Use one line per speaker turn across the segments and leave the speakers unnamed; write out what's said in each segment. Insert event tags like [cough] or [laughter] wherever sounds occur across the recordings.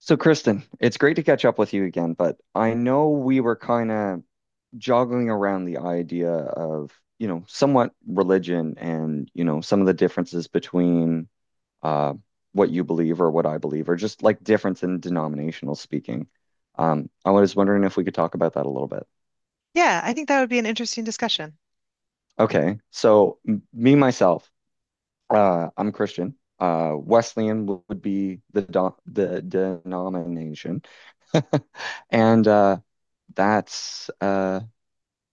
So, Kristen, it's great to catch up with you again, but I know we were kind of joggling around the idea of, you know, somewhat religion and, you know, some of the differences between uh, what you believe or what I believe, or just like difference in denominational speaking. I was wondering if we could talk about that a little bit.
Yeah, I think that would be an interesting discussion.
Okay, so me myself, I'm Christian. Wesleyan would be the do the denomination, and that's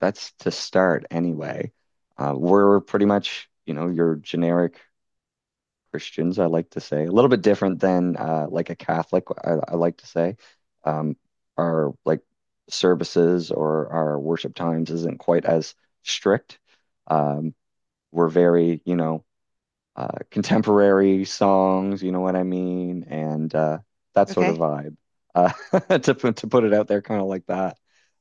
that's to start anyway. We're pretty much, you know, your generic Christians, I like to say, a little bit different than like a Catholic, I like to say. Um, our like services or our worship times isn't quite as strict. Um, we're very, you know, contemporary songs, you know what I mean, and that sort
Okay.
of vibe. Uh, [laughs] to put it out there, kind of like that.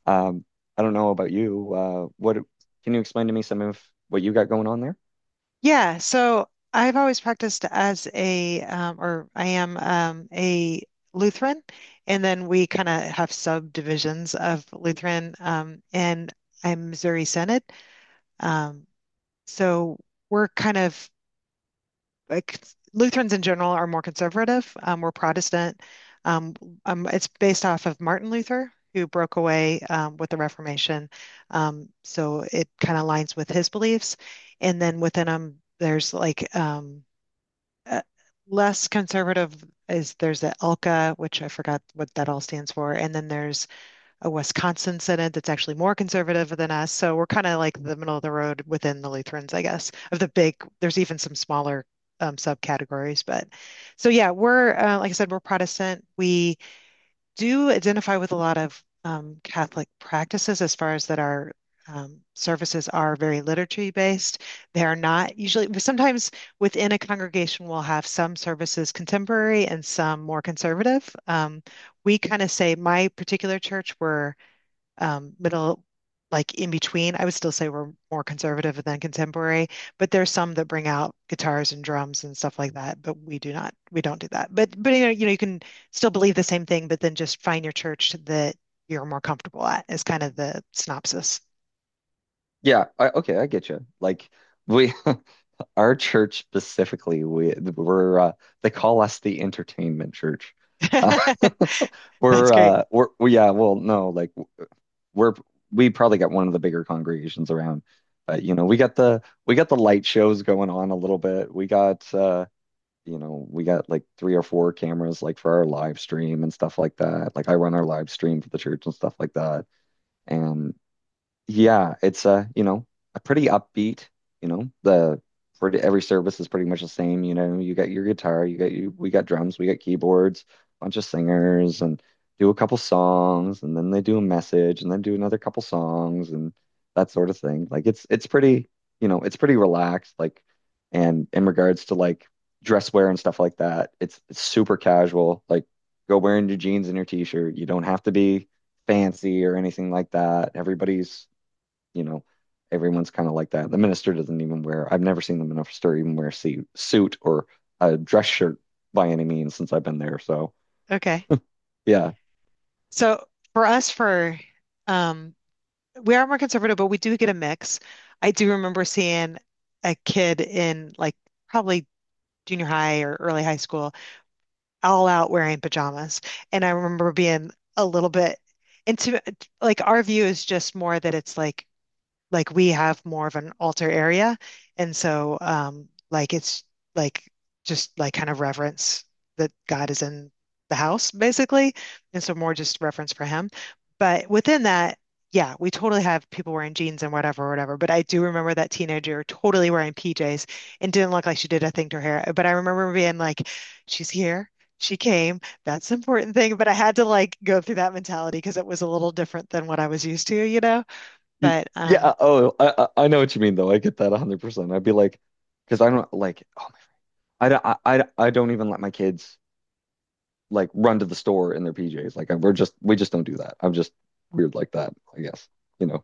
Um, I don't know about you. What can you explain to me some of what you got going on there?
Yeah, so I've always practiced as or I am a Lutheran, and then we kind of have subdivisions of Lutheran, and I'm Missouri Synod. Um, so we're kind of like Lutherans in general are more conservative. We're Protestant. Um, it's based off of Martin Luther, who broke away with the Reformation. So it kind of aligns with his beliefs. And then within them, there's like uh, less conservative is there's the ELCA, which I forgot what that all stands for. And then there's a Wisconsin synod that's actually more conservative than us. So we're kind of like the middle of the road within the Lutherans, I guess, of the big, there's even some smaller subcategories. But so, yeah, we're like I said, we're Protestant. We do identify with a lot of Catholic practices as far as that our services are very liturgy based. They are not usually, sometimes within a congregation, we'll have some services contemporary and some more conservative. We kind of say, my particular church, we're middle, like in between. I would still say we're more conservative than contemporary, but there's some that bring out guitars and drums and stuff like that. But we do not, we don't do that. But you can still believe the same thing, but then just find your church that you're more comfortable at is kind of the synopsis.
Yeah, okay, I get you. Like we, [laughs] our church specifically, we're they call us the entertainment church.
[laughs]
Uh, [laughs]
That's
we're
great.
uh we're we, yeah, well, no, like we're we probably got one of the bigger congregations around. But you know, we got the light shows going on a little bit. We got you know, we got like three or four cameras like for our live stream and stuff like that. Like I run our live stream for the church and stuff like that. And yeah, it's a, you know, a pretty upbeat, you know, the for every service is pretty much the same, you know, you got your guitar, you got you we got drums, we got keyboards, bunch of singers and do a couple songs and then they do a message and then do another couple songs and that sort of thing. Like it's pretty, you know, it's pretty relaxed like and in regards to like dress wear and stuff like that, it's super casual. Like go wearing your jeans and your t-shirt. You don't have to be fancy or anything like that. Everybody's you know, everyone's kind of like that. The minister doesn't even wear, I've never seen the minister even wear a suit or a dress shirt by any means since I've been there. So,
Okay.
yeah.
So for us, for um, we are more conservative, but we do get a mix. I do remember seeing a kid in like probably junior high or early high school all out wearing pajamas. And I remember being a little bit into like our view is just more that it's like we have more of an altar area. And so like it's like just like kind of reverence that God is in the house basically. And so more just reverence for him. But within that, yeah, we totally have people wearing jeans and whatever, whatever. But I do remember that teenager totally wearing PJs and didn't look like she did a thing to her hair. But I remember being like, she's here. She came. That's an important thing. But I had to like go through that mentality because it was a little different than what I was used to, you know?
Y-
But
Yeah. Oh, I know what you mean, though. I get that 100%. I'd be like, because I don't like, oh my, I don't, I don't even let my kids like run to the store in their PJs. Like, we just don't do that. I'm just weird like that, I guess, you know,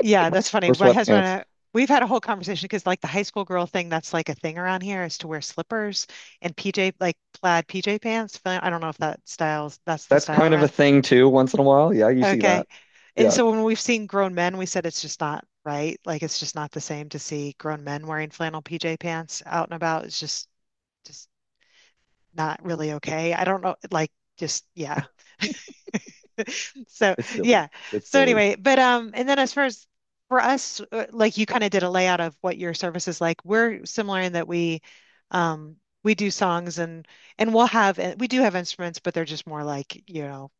Yeah, that's funny.
or
My husband
sweatpants.
and I, we've had a whole conversation because like the high school girl thing, that's like a thing around here is to wear slippers and PJ, like plaid PJ pants. I don't know if that styles, that's the
That's
style
kind of a
around.
thing too, once in a while. Yeah, you see
Okay.
that.
And
Yeah,
so when we've seen grown men, we said it's just not right. Like it's just not the same to see grown men wearing flannel PJ pants out and about. It's just not really okay. I don't know. Like just, yeah. So
it's silly.
yeah.
It's
So
silly.
anyway, but and then as far as for us, like you kind of did a layout of what your service is like. We're similar in that we, um, we do songs and we'll have and we do have instruments, but they're just more like you know,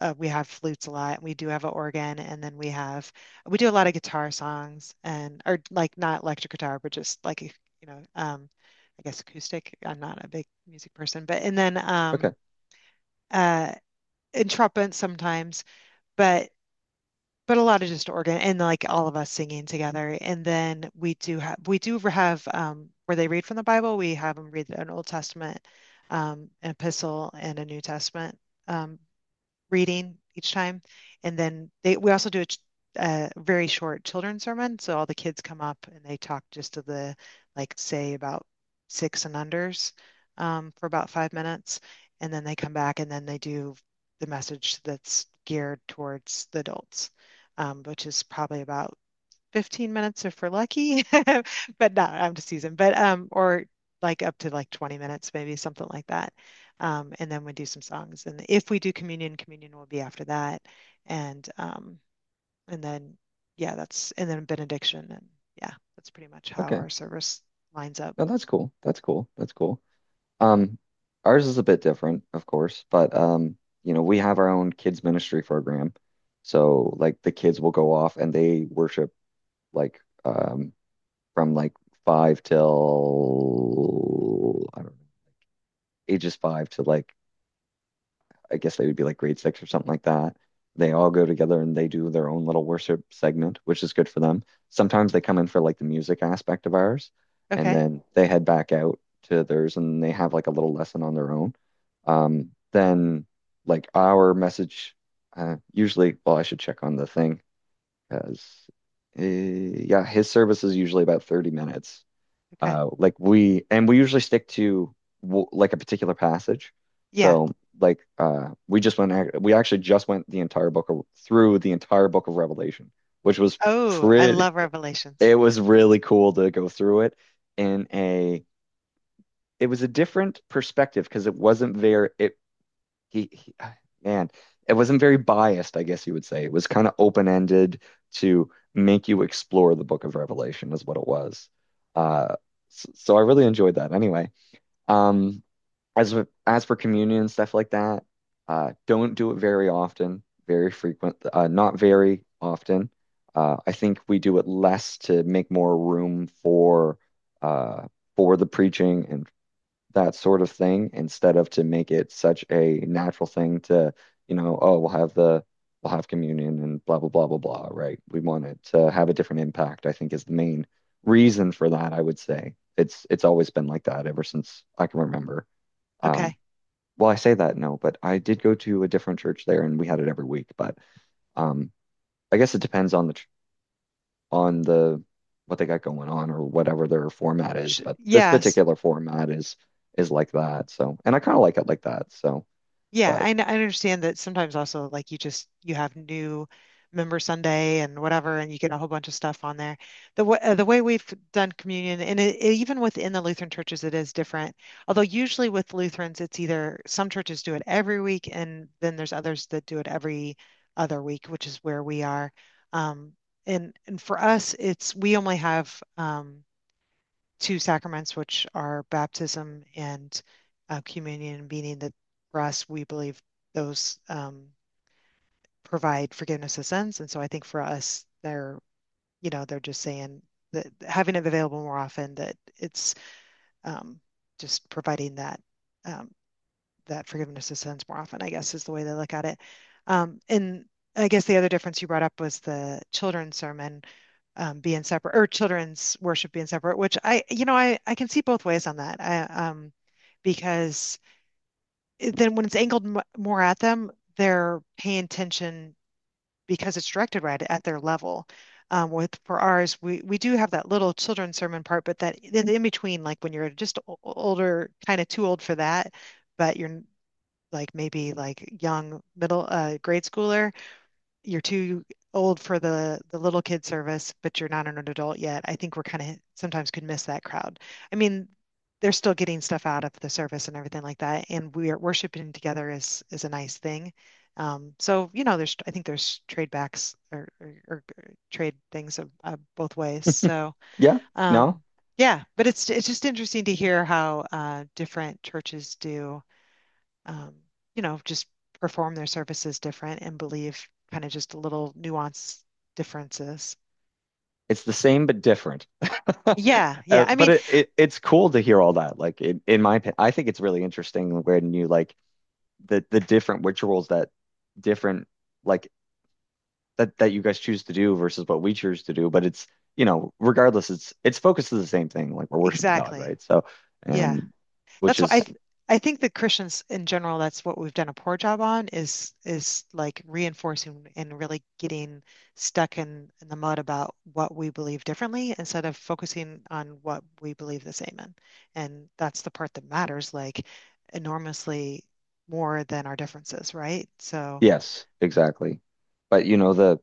we have flutes a lot. And we do have an organ, and then we have we do a lot of guitar songs and or like not electric guitar, but just like you know, I guess acoustic. I'm not a big music person, but and then
Okay.
um, uh, and trumpet sometimes, but but a lot of just organ and like all of us singing together. And then we do have where they read from the Bible. We have them read an Old Testament, an epistle, and a New Testament um, reading each time. And then we also do a very short children's sermon. So all the kids come up and they talk just to the, like, say about six and unders for about five minutes. And then they come back and then they do the message that's geared towards the adults, which is probably about 15 minutes if we're lucky, [laughs] but not I'm just teasing, but or like up to like 20 minutes, maybe something like that. And then we do some songs. And if we do communion, communion will be after that. And um, and then yeah, that's and then benediction and yeah, that's pretty much how
Okay.
our service lines up.
No, that's cool. That's cool. That's cool. Um, ours is a bit different, of course, but you know, we have our own kids ministry program. So like the kids will go off and they worship like from like five till I don't know, ages five to like I guess they would be like grade six or something like that. They all go together and they do their own little worship segment, which is good for them. Sometimes they come in for like the music aspect of ours, and
Okay.
then they head back out to theirs and they have like a little lesson on their own. Then like our message, usually, well, I should check on the thing because yeah, his service is usually about 30 minutes
Okay.
like we usually stick to w like a particular passage
Yeah.
so like we just we actually just went the entire through the entire book of Revelation, which was
Oh, I
pretty —
love Revelations.
it was really cool to go through it in a — it was a different perspective because it wasn't very it he man it wasn't very biased, I guess you would say. It was kind of open-ended to make you explore the book of Revelation is what it was. uh so, so I really enjoyed that. Anyway, um, as as for communion and stuff like that, don't do it very often, very frequent, not very often. I think we do it less to make more room uh, for the preaching and that sort of thing instead of to make it such a natural thing to, you know, oh, we'll have the we'll have communion and blah blah blah blah blah, right? We want it to have a different impact, I think is the main reason for that, I would say. It's always been like that ever since I can remember. Um,
Okay.
well, I say that no, but I did go to a different church there and we had it every week, but um I guess it depends on the what they got going on or whatever their format is.
Sh
But this
Yes.
particular format is like that. So, and I kind of like it like that. So, but
I understand that sometimes also like you just you have new member Sunday and whatever, and you get a whole bunch of stuff on there. The w the way we've done communion, and even within the Lutheran churches, it is different. Although usually with Lutherans, it's either some churches do it every week, and then there's others that do it every other week, which is where we are. Um, and for us, it's we only have two sacraments, which are baptism and communion, meaning that for us, we believe those provide forgiveness of sins. And so I think for us, they're, you know, they're just saying that having it available more often, that it's um, just providing that um, that forgiveness of sins more often, I guess, is the way they look at it. And I guess the other difference you brought up was the children's sermon being separate or children's worship being separate, which you know, I can see both ways on that. Because it- then when it's angled m more at them, they're paying attention because it's directed right at their level. With for ours, we do have that little children's sermon part, but that in between, like when you're just older, kind of too old for that, but you're like maybe like young middle grade schooler. You're too old for the little kid service, but you're not an adult yet. I think we're kind of sometimes could miss that crowd. I mean, they're still getting stuff out of the service and everything like that, and we are worshiping together is a nice thing. So you know, there's I think there's trade backs or trade things of both ways. So
yeah, no,
um, yeah, but it's just interesting to hear how different churches do um, you know, just perform their services different and believe kind of just little nuance differences.
it's the same but different. [laughs]
Yeah, yeah. I
But
mean,
it it's cool to hear all that. Like in my opinion, I think it's really interesting when you like the different rituals that different like that you guys choose to do versus what we choose to do. But it's you know, regardless, it's focused to the same thing. Like we're worshiping God,
exactly.
right? So,
Yeah.
and which
That's what I
is
th- I think the Christians in general, that's what we've done a poor job on is like reinforcing and really getting stuck in the mud about what we believe differently instead of focusing on what we believe the same in. And that's the part that matters like enormously more than our differences, right? So
yes, exactly. But you know, the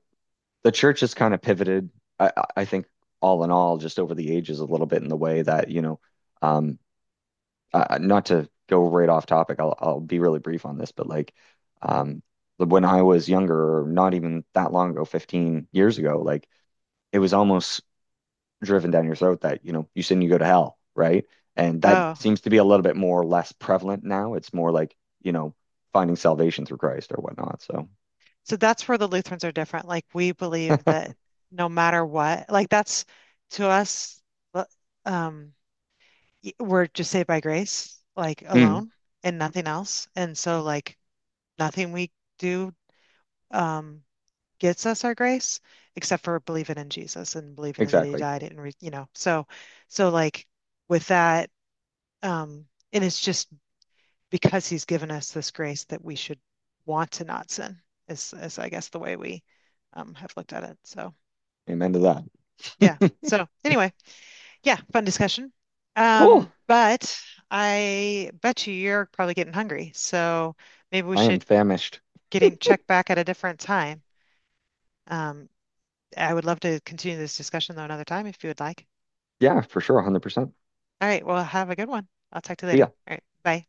church has kind of pivoted, I think all in all, just over the ages a little bit in the way that, you know, um not to go right off topic, I'll be really brief on this, but like um when I was younger, or not even that long ago, 15 years ago, like it was almost driven down your throat that, you know, you sin, you go to hell, right? And that
Oh,
seems to be a little bit more or less prevalent now. It's more like, you know, finding salvation through Christ or whatnot. So,
so that's where the Lutherans are different. Like we believe that no matter what, like that's to us, l- um, we're just saved by grace, like
mm,
alone and nothing else. And so like nothing we do um gets us our grace except for believing in Jesus and believing that he
exactly.
died and re you know. So like with that um and it's just because he's given us this grace that we should want to not sin is I guess the way we have looked at it. So
Amen to
yeah.
that.
So anyway, yeah, fun discussion.
[laughs] Cool.
But I bet you you're probably getting hungry. So maybe we
I am
should
famished.
getting check back at a different time. Um, I would love to continue this discussion though another time if you would like.
Yeah, for sure. 100%.
All right, well, have a good one. I'll talk to you
See
later.
ya.
All right, bye.